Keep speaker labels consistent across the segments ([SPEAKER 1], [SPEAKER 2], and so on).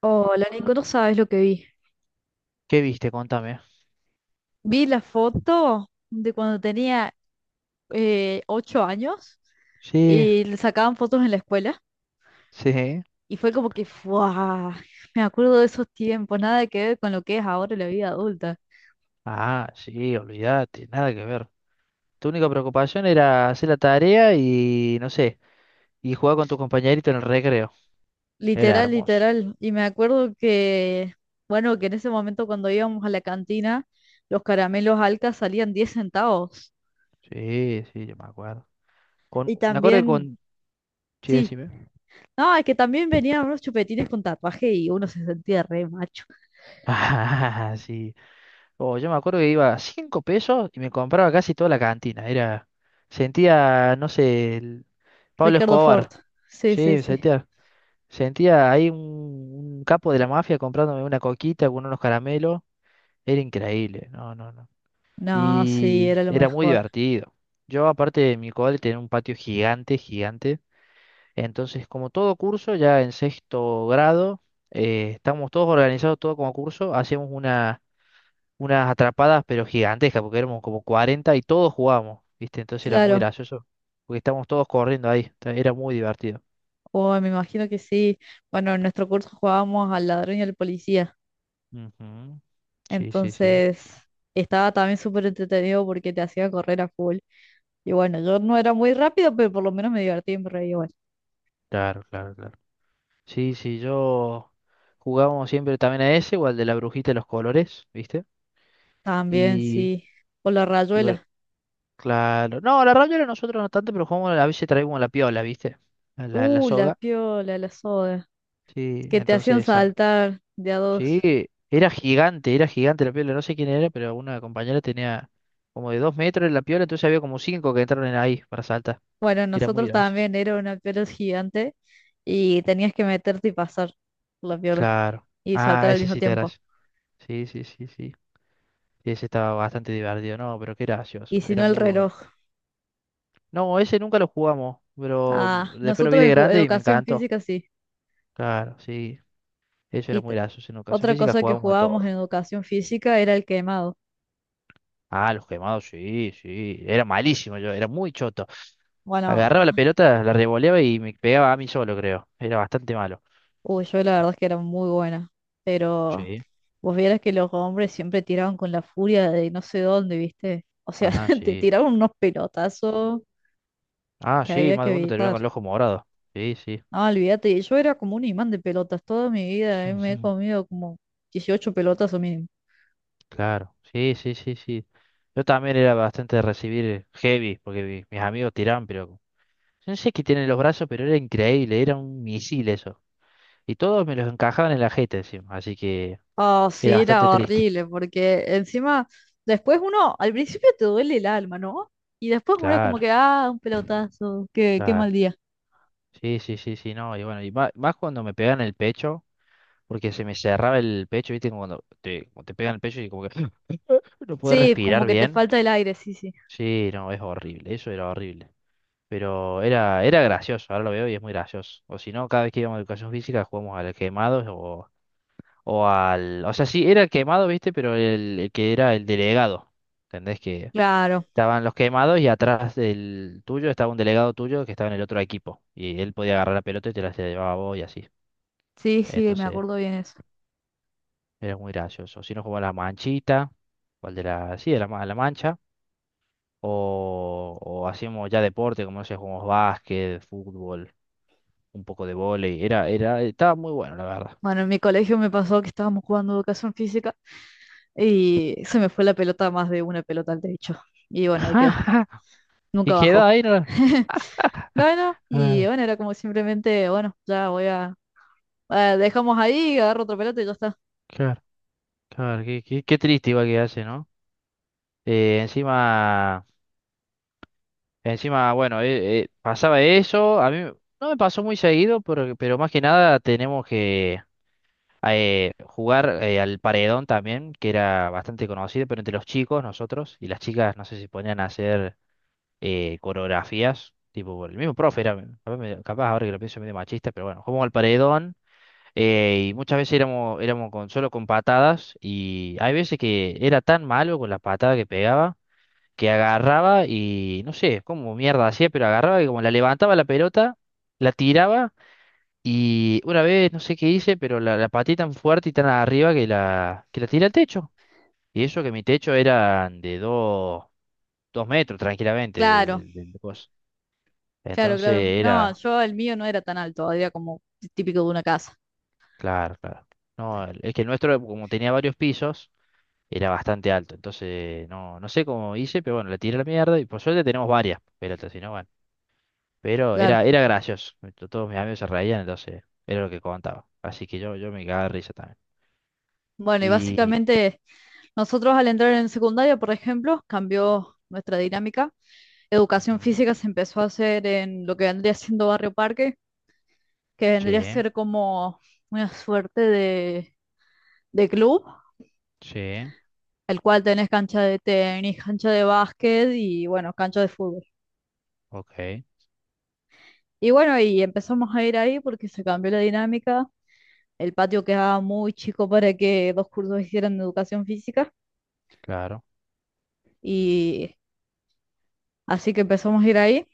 [SPEAKER 1] Hola, Nico, no sabes lo que vi.
[SPEAKER 2] ¿Qué viste? Contame.
[SPEAKER 1] Vi la foto de cuando tenía 8 años
[SPEAKER 2] Sí,
[SPEAKER 1] y le sacaban fotos en la escuela
[SPEAKER 2] sí.
[SPEAKER 1] y fue como que, ¡fua! Me acuerdo de esos tiempos, nada que ver con lo que es ahora la vida adulta.
[SPEAKER 2] Ah, sí, olvídate, nada que ver. Tu única preocupación era hacer la tarea y, no sé, y jugar con tu compañerito en el recreo. Era
[SPEAKER 1] Literal,
[SPEAKER 2] hermoso.
[SPEAKER 1] literal. Y me acuerdo que, bueno, que en ese momento cuando íbamos a la cantina, los caramelos Alca salían 10 centavos.
[SPEAKER 2] Sí, sí, yo me acuerdo. Con,
[SPEAKER 1] Y
[SPEAKER 2] me acuerdo que
[SPEAKER 1] también,
[SPEAKER 2] con... Sí,
[SPEAKER 1] sí,
[SPEAKER 2] decime.
[SPEAKER 1] no, es que también venían unos chupetines con tatuaje y uno se sentía re macho.
[SPEAKER 2] Ah, sí. Oh, yo me acuerdo que iba a 5 pesos y me compraba casi toda la cantina. Era... Sentía, no sé, el... Pablo
[SPEAKER 1] Ricardo Ford.
[SPEAKER 2] Escobar.
[SPEAKER 1] Sí,
[SPEAKER 2] Sí,
[SPEAKER 1] sí,
[SPEAKER 2] me
[SPEAKER 1] sí.
[SPEAKER 2] sentía... Sentía ahí un capo de la mafia comprándome una coquita con unos caramelos. Era increíble, no, no, no.
[SPEAKER 1] No, sí,
[SPEAKER 2] Y
[SPEAKER 1] era lo
[SPEAKER 2] era muy
[SPEAKER 1] mejor.
[SPEAKER 2] divertido. Yo, aparte de mi cole, tenía un patio gigante, gigante. Entonces, como todo curso, ya en sexto grado, estábamos todos organizados, todo como curso, hacíamos unas atrapadas, pero gigantescas, porque éramos como 40 y todos jugábamos, ¿viste? Entonces era muy
[SPEAKER 1] Claro.
[SPEAKER 2] gracioso, porque estábamos todos corriendo ahí. Era muy divertido.
[SPEAKER 1] Oh, me imagino que sí. Bueno, en nuestro curso jugábamos al ladrón y al policía.
[SPEAKER 2] Ujú. Sí, sí, sí.
[SPEAKER 1] Entonces, estaba también súper entretenido porque te hacía correr a full. Y bueno, yo no era muy rápido, pero por lo menos me divertía y me reía igual.
[SPEAKER 2] Claro, claro, claro. Sí, sí, yo jugábamos siempre también a ese, igual de la brujita de los colores, ¿viste?
[SPEAKER 1] También,
[SPEAKER 2] Y,
[SPEAKER 1] sí. O la
[SPEAKER 2] y bueno,
[SPEAKER 1] rayuela.
[SPEAKER 2] claro. No, la rabiola nosotros no tanto, pero jugamos, a veces traíamos la piola, ¿viste? A la
[SPEAKER 1] La
[SPEAKER 2] soga.
[SPEAKER 1] piola, la soda.
[SPEAKER 2] Sí,
[SPEAKER 1] Que te
[SPEAKER 2] entonces
[SPEAKER 1] hacían
[SPEAKER 2] esa.
[SPEAKER 1] saltar de a dos.
[SPEAKER 2] Sí, era gigante la piola, no sé quién era, pero una compañera tenía como de 2 metros la piola, entonces había como cinco que entraron en ahí para saltar.
[SPEAKER 1] Bueno,
[SPEAKER 2] Era muy
[SPEAKER 1] nosotros
[SPEAKER 2] gracioso.
[SPEAKER 1] también era una piola gigante y tenías que meterte y pasar por la piola
[SPEAKER 2] Claro.
[SPEAKER 1] y saltar
[SPEAKER 2] Ah,
[SPEAKER 1] al
[SPEAKER 2] ese
[SPEAKER 1] mismo
[SPEAKER 2] sí te
[SPEAKER 1] tiempo.
[SPEAKER 2] gracioso. Sí, sí, sí, sí. Ese estaba bastante divertido, no, pero qué gracioso,
[SPEAKER 1] Y si
[SPEAKER 2] era
[SPEAKER 1] no, el
[SPEAKER 2] muy bueno.
[SPEAKER 1] reloj.
[SPEAKER 2] No, ese nunca lo jugamos, pero
[SPEAKER 1] Ah,
[SPEAKER 2] después lo vi
[SPEAKER 1] nosotros
[SPEAKER 2] de
[SPEAKER 1] en
[SPEAKER 2] grande y me
[SPEAKER 1] educación
[SPEAKER 2] encantó.
[SPEAKER 1] física sí.
[SPEAKER 2] Claro, sí, eso era
[SPEAKER 1] Y t-
[SPEAKER 2] muy gracioso. En educación
[SPEAKER 1] Otra
[SPEAKER 2] física
[SPEAKER 1] cosa que
[SPEAKER 2] jugábamos de
[SPEAKER 1] jugábamos en
[SPEAKER 2] todo.
[SPEAKER 1] educación física era el quemado.
[SPEAKER 2] Ah, los quemados, sí, sí. Era malísimo yo, era muy choto.
[SPEAKER 1] Bueno,
[SPEAKER 2] Agarraba la pelota, la revoleaba y me pegaba a mí solo, creo. Era bastante malo.
[SPEAKER 1] uy, yo la verdad es que era muy buena, pero
[SPEAKER 2] Sí.
[SPEAKER 1] vos vieras que los hombres siempre tiraban con la furia de no sé dónde, ¿viste? O sea,
[SPEAKER 2] Ah,
[SPEAKER 1] te
[SPEAKER 2] sí.
[SPEAKER 1] tiraban unos pelotazos
[SPEAKER 2] Ah,
[SPEAKER 1] que
[SPEAKER 2] sí,
[SPEAKER 1] había
[SPEAKER 2] más
[SPEAKER 1] que
[SPEAKER 2] de uno terminó con
[SPEAKER 1] evitar.
[SPEAKER 2] el ojo morado. Sí, sí.
[SPEAKER 1] Ah, olvídate, yo era como un imán de pelotas toda mi vida, me he comido como 18 pelotas o mínimo.
[SPEAKER 2] Claro, sí, sí, sí, sí. Yo también era bastante de recibir heavy, porque mis amigos tiraban, pero... No sé qué tienen los brazos, pero era increíble, era un misil eso. Y todos me los encajaban en la jeta encima, así que
[SPEAKER 1] Ah,
[SPEAKER 2] era
[SPEAKER 1] sí, era
[SPEAKER 2] bastante triste.
[SPEAKER 1] horrible, porque encima, después uno, al principio te duele el alma, ¿no? Y después uno es como
[SPEAKER 2] Claro,
[SPEAKER 1] que, ah, un pelotazo, qué mal
[SPEAKER 2] claro.
[SPEAKER 1] día.
[SPEAKER 2] Sí, sí, sí, sí, no. Y bueno, y más, cuando me pegan el pecho, porque se me cerraba el pecho, ¿viste? Como te pegan el pecho y como que no puedes
[SPEAKER 1] Sí,
[SPEAKER 2] respirar
[SPEAKER 1] como que te
[SPEAKER 2] bien.
[SPEAKER 1] falta el aire, sí, sí.
[SPEAKER 2] Sí, no, es horrible, eso era horrible. Pero era gracioso, ahora lo veo y es muy gracioso. O si no, cada vez que íbamos a educación física jugamos al quemado o al... O sea, sí, era el quemado, ¿viste? Pero el que era el delegado. ¿Entendés que...
[SPEAKER 1] Claro,
[SPEAKER 2] Estaban los quemados y atrás del tuyo estaba un delegado tuyo que estaba en el otro equipo. Y él podía agarrar la pelota y te la llevaba a vos y así.
[SPEAKER 1] sí, sí, me
[SPEAKER 2] Entonces,
[SPEAKER 1] acuerdo bien eso.
[SPEAKER 2] era muy gracioso. Si no jugaba la manchita, o el de la, sí, de la, la mancha, o hacíamos ya deporte, como no sé, jugamos básquet, fútbol, un poco de vóley. Estaba muy bueno, la verdad.
[SPEAKER 1] Bueno, en mi colegio me pasó que estábamos jugando educación física y se me fue la pelota más de una pelota al techo. Y bueno, ahí quedó.
[SPEAKER 2] Y
[SPEAKER 1] Nunca
[SPEAKER 2] quedó
[SPEAKER 1] bajó.
[SPEAKER 2] ahí, ¿no?
[SPEAKER 1] Bueno, y
[SPEAKER 2] Ah,
[SPEAKER 1] bueno, era como simplemente, bueno, ya voy a... ah, dejamos ahí, agarro otra pelota y ya está.
[SPEAKER 2] claro, claro, qué triste igual que hace, ¿no? Eh, encima. Encima, bueno, pasaba eso, a mí no me pasó muy seguido, pero más que nada tenemos que jugar al paredón también, que era bastante conocido, pero entre los chicos, nosotros, y las chicas, no sé si ponían a hacer coreografías, tipo, por el mismo profe era, capaz, capaz ahora que lo pienso medio machista, pero bueno, jugamos al paredón, y muchas veces éramos solo con patadas, y hay veces que era tan malo con las patadas que pegaba que agarraba y no sé cómo mierda hacía, pero agarraba y como la levantaba la pelota, la tiraba y una vez no sé qué hice, pero la pateé tan fuerte y tan arriba que la tiré al techo. Y eso que mi techo era de 2 metros tranquilamente de,
[SPEAKER 1] Claro,
[SPEAKER 2] de- de- de cosas.
[SPEAKER 1] claro,
[SPEAKER 2] Entonces
[SPEAKER 1] claro. No,
[SPEAKER 2] era,
[SPEAKER 1] yo el mío no era tan alto, era como típico de una casa.
[SPEAKER 2] claro, claro. No, es que el nuestro, como tenía varios pisos, era bastante alto. Entonces, no, no sé cómo hice, pero bueno, la tiré a la mierda y por suerte tenemos varias pelotas, si no, bueno. Pero
[SPEAKER 1] Claro.
[SPEAKER 2] era gracioso. Todos mis amigos se reían, entonces era lo que contaba. Así que yo me cagaba de risa también.
[SPEAKER 1] Bueno, y
[SPEAKER 2] Y.
[SPEAKER 1] básicamente nosotros al entrar en secundaria, por ejemplo, cambió nuestra dinámica. Educación
[SPEAKER 2] Ujú,
[SPEAKER 1] física se empezó a hacer en lo que vendría siendo Barrio Parque, que
[SPEAKER 2] sí,
[SPEAKER 1] vendría a ser como una suerte de, club,
[SPEAKER 2] sí,
[SPEAKER 1] el cual tenés cancha de tenis, cancha de básquet y bueno, cancha de fútbol.
[SPEAKER 2] ok,
[SPEAKER 1] Y bueno, y empezamos a ir ahí porque se cambió la dinámica. El patio quedaba muy chico para que dos cursos hicieran educación física
[SPEAKER 2] claro,
[SPEAKER 1] y así que empezamos a ir ahí.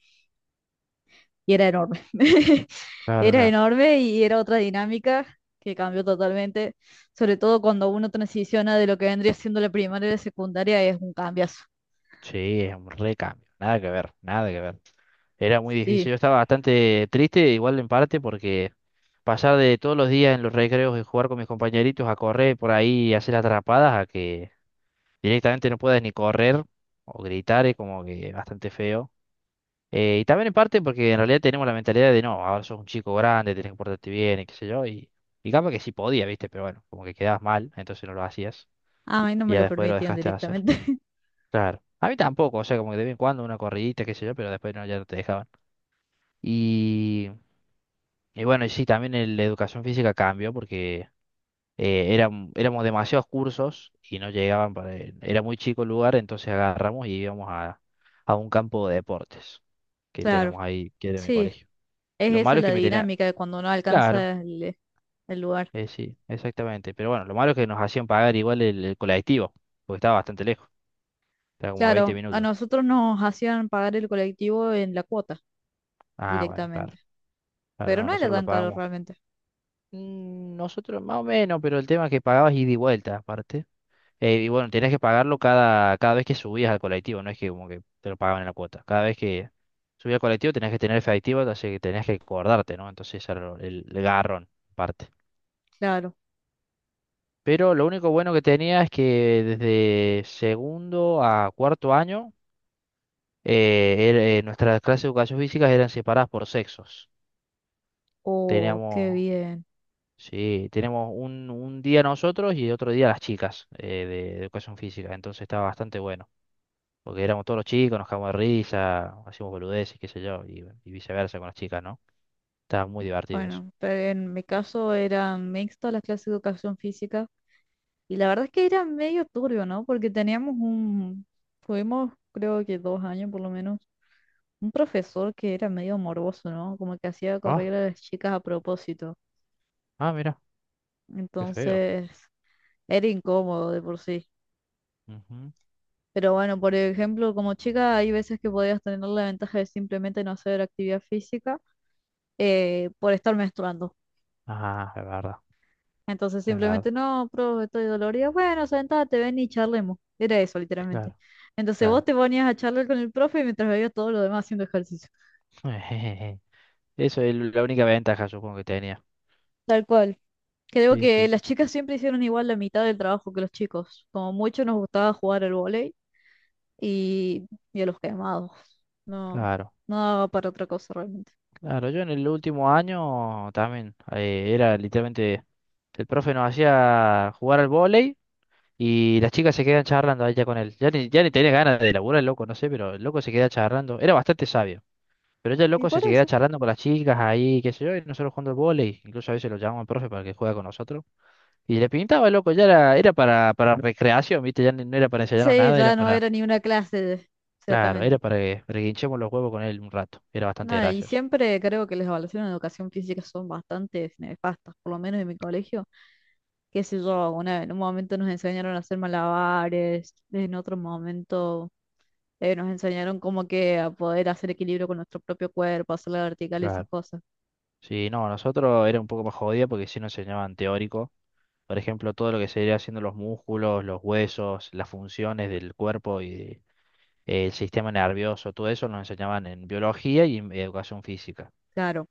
[SPEAKER 1] Y era enorme.
[SPEAKER 2] claro,
[SPEAKER 1] Era
[SPEAKER 2] claro.
[SPEAKER 1] enorme y era otra dinámica que cambió totalmente, sobre todo cuando uno transiciona de lo que vendría siendo la primaria a la secundaria, es un cambiazo.
[SPEAKER 2] Sí, es un recambio. Nada que ver, nada que ver. Era muy
[SPEAKER 1] Sí,
[SPEAKER 2] difícil. Yo estaba bastante triste, igual en parte, porque pasar de todos los días en los recreos y jugar con mis compañeritos a correr por ahí y hacer atrapadas a que directamente no puedas ni correr o gritar es como que bastante feo. Y también en parte porque en realidad tenemos la mentalidad de no, ahora sos un chico grande, tenés que portarte bien y qué sé yo. Y capaz que sí podía, ¿viste? Pero bueno, como que quedabas mal, entonces no lo hacías.
[SPEAKER 1] ah, a mí no
[SPEAKER 2] Y
[SPEAKER 1] me
[SPEAKER 2] ya
[SPEAKER 1] lo
[SPEAKER 2] después lo
[SPEAKER 1] permitían
[SPEAKER 2] dejaste de hacer.
[SPEAKER 1] directamente.
[SPEAKER 2] Claro. A mí tampoco, o sea, como que de vez en cuando una corridita, qué sé yo, pero después no, ya no te dejaban. Y, y bueno, y sí, también la educación física cambió porque éramos demasiados cursos y no llegaban para... Era muy chico el lugar, entonces agarramos y íbamos a, un campo de deportes que
[SPEAKER 1] Claro,
[SPEAKER 2] tenemos ahí, que es de mi
[SPEAKER 1] sí,
[SPEAKER 2] colegio.
[SPEAKER 1] es
[SPEAKER 2] Lo
[SPEAKER 1] esa
[SPEAKER 2] malo es
[SPEAKER 1] la
[SPEAKER 2] que me tenía.
[SPEAKER 1] dinámica de cuando no
[SPEAKER 2] Claro,
[SPEAKER 1] alcanza el lugar.
[SPEAKER 2] sí, exactamente. Pero bueno, lo malo es que nos hacían pagar igual el colectivo, porque estaba bastante lejos, estaba como a 20
[SPEAKER 1] Claro, a
[SPEAKER 2] minutos.
[SPEAKER 1] nosotros nos hacían pagar el colectivo en la cuota
[SPEAKER 2] Ah, bueno, claro,
[SPEAKER 1] directamente,
[SPEAKER 2] claro,
[SPEAKER 1] pero
[SPEAKER 2] no,
[SPEAKER 1] no era
[SPEAKER 2] nosotros la
[SPEAKER 1] tan caro
[SPEAKER 2] pagamos.
[SPEAKER 1] realmente.
[SPEAKER 2] Nosotros más o menos, pero el tema es que pagabas ida y vuelta, aparte. Y bueno, tenías que pagarlo cada vez que subías al colectivo, no es que como que te lo pagaban en la cuota. Cada vez que subías al colectivo tenías que tener efectivo, así que tenías que acordarte, ¿no? Entonces ese era el garrón, aparte.
[SPEAKER 1] Claro.
[SPEAKER 2] Pero lo único bueno que tenía es que desde segundo a cuarto año nuestras clases de educación física eran separadas por sexos.
[SPEAKER 1] Oh, qué
[SPEAKER 2] Teníamos,
[SPEAKER 1] bien.
[SPEAKER 2] sí, tenemos un, día nosotros y otro día las chicas educación física. Entonces estaba bastante bueno. Porque éramos todos los chicos, nos cagamos de risa, hacíamos boludeces, qué sé yo, y viceversa con las chicas, ¿no? Estaba muy divertido eso.
[SPEAKER 1] Bueno, pero en mi caso era mixto las clases de educación física y la verdad es que era medio turbio, ¿no? Porque teníamos un, tuvimos creo que 2 años por lo menos, un profesor que era medio morboso, ¿no? Como que hacía
[SPEAKER 2] Ah,
[SPEAKER 1] correr a las chicas a propósito.
[SPEAKER 2] ah, mira, qué feo.
[SPEAKER 1] Entonces, era incómodo de por sí.
[SPEAKER 2] Ujú.
[SPEAKER 1] Pero bueno, por ejemplo, como chica hay veces que podías tener la ventaja de simplemente no hacer actividad física por estar menstruando.
[SPEAKER 2] Ah, es verdad,
[SPEAKER 1] Entonces
[SPEAKER 2] es
[SPEAKER 1] simplemente,
[SPEAKER 2] verdad.
[SPEAKER 1] no, profe, estoy dolorida. Bueno, sentate, ven y charlemos. Era eso, literalmente.
[SPEAKER 2] Claro,
[SPEAKER 1] Entonces vos
[SPEAKER 2] claro.
[SPEAKER 1] te ponías a charlar con el profe mientras veías todo lo demás haciendo ejercicio.
[SPEAKER 2] Eso es la única ventaja, supongo que tenía.
[SPEAKER 1] Tal cual. Creo
[SPEAKER 2] Sí,
[SPEAKER 1] que
[SPEAKER 2] sí, sí.
[SPEAKER 1] las chicas siempre hicieron igual la mitad del trabajo que los chicos. Como mucho nos gustaba jugar al vóley y, y a los quemados. No,
[SPEAKER 2] Claro.
[SPEAKER 1] no daba para otra cosa realmente.
[SPEAKER 2] Claro, yo en el último año también era literalmente, el profe nos hacía jugar al vóley y las chicas se quedan charlando allá con él. Ya ni tenía ganas de laburar el loco, no sé, pero el loco se queda charlando. Era bastante sabio, pero ya el
[SPEAKER 1] Y
[SPEAKER 2] loco se
[SPEAKER 1] por
[SPEAKER 2] queda
[SPEAKER 1] eso.
[SPEAKER 2] charlando con las chicas ahí, qué sé yo, y nosotros jugando al vóley. Incluso a veces lo llamamos al profe para que juegue con nosotros. Y le pintaba el loco, ya era para recreación, ¿viste? Ya no era para enseñarnos
[SPEAKER 1] Sí,
[SPEAKER 2] nada, era
[SPEAKER 1] ya no
[SPEAKER 2] para,
[SPEAKER 1] era ni una clase,
[SPEAKER 2] claro,
[SPEAKER 1] exactamente.
[SPEAKER 2] era para que hinchemos los huevos con él un rato. Era bastante
[SPEAKER 1] Nada, y
[SPEAKER 2] gracioso.
[SPEAKER 1] siempre creo que las evaluaciones de educación física son bastante nefastas, por lo menos en mi colegio. Qué sé yo, en un momento nos enseñaron a hacer malabares, en otro momento nos enseñaron como que a poder hacer equilibrio con nuestro propio cuerpo, hacer la vertical y esas
[SPEAKER 2] Claro.
[SPEAKER 1] cosas.
[SPEAKER 2] Sí, no, nosotros era un poco más jodido porque sí nos enseñaban teórico. Por ejemplo, todo lo que sería haciendo los músculos, los huesos, las funciones del cuerpo y el sistema nervioso, todo eso nos enseñaban en biología y en educación física.
[SPEAKER 1] Claro,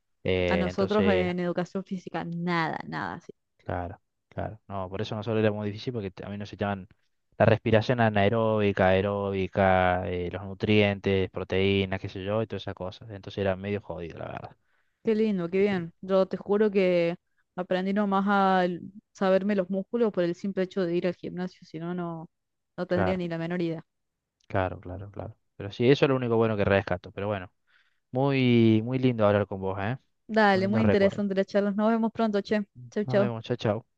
[SPEAKER 1] a nosotros
[SPEAKER 2] Entonces,
[SPEAKER 1] en educación física, nada, nada así.
[SPEAKER 2] claro, claro. No, por eso nosotros era muy difícil porque a mí nos enseñaban la respiración anaeróbica, aeróbica, los nutrientes, proteínas, qué sé yo, y todas esas cosas. Entonces era medio jodido, la verdad.
[SPEAKER 1] Qué lindo, qué
[SPEAKER 2] Y,
[SPEAKER 1] bien. Yo te juro que aprendí nomás a saberme los músculos por el simple hecho de ir al gimnasio, si no, no tendría
[SPEAKER 2] claro,
[SPEAKER 1] ni la menor idea.
[SPEAKER 2] claro, claro, claro. Pero sí, eso es lo único bueno que rescato. Pero bueno. Muy, muy lindo hablar con vos, ¿eh? Un
[SPEAKER 1] Dale,
[SPEAKER 2] lindo
[SPEAKER 1] muy
[SPEAKER 2] recuerdo.
[SPEAKER 1] interesante la charla. Nos vemos pronto, che. Chau,
[SPEAKER 2] Nos
[SPEAKER 1] chau.
[SPEAKER 2] vemos, chao, chao.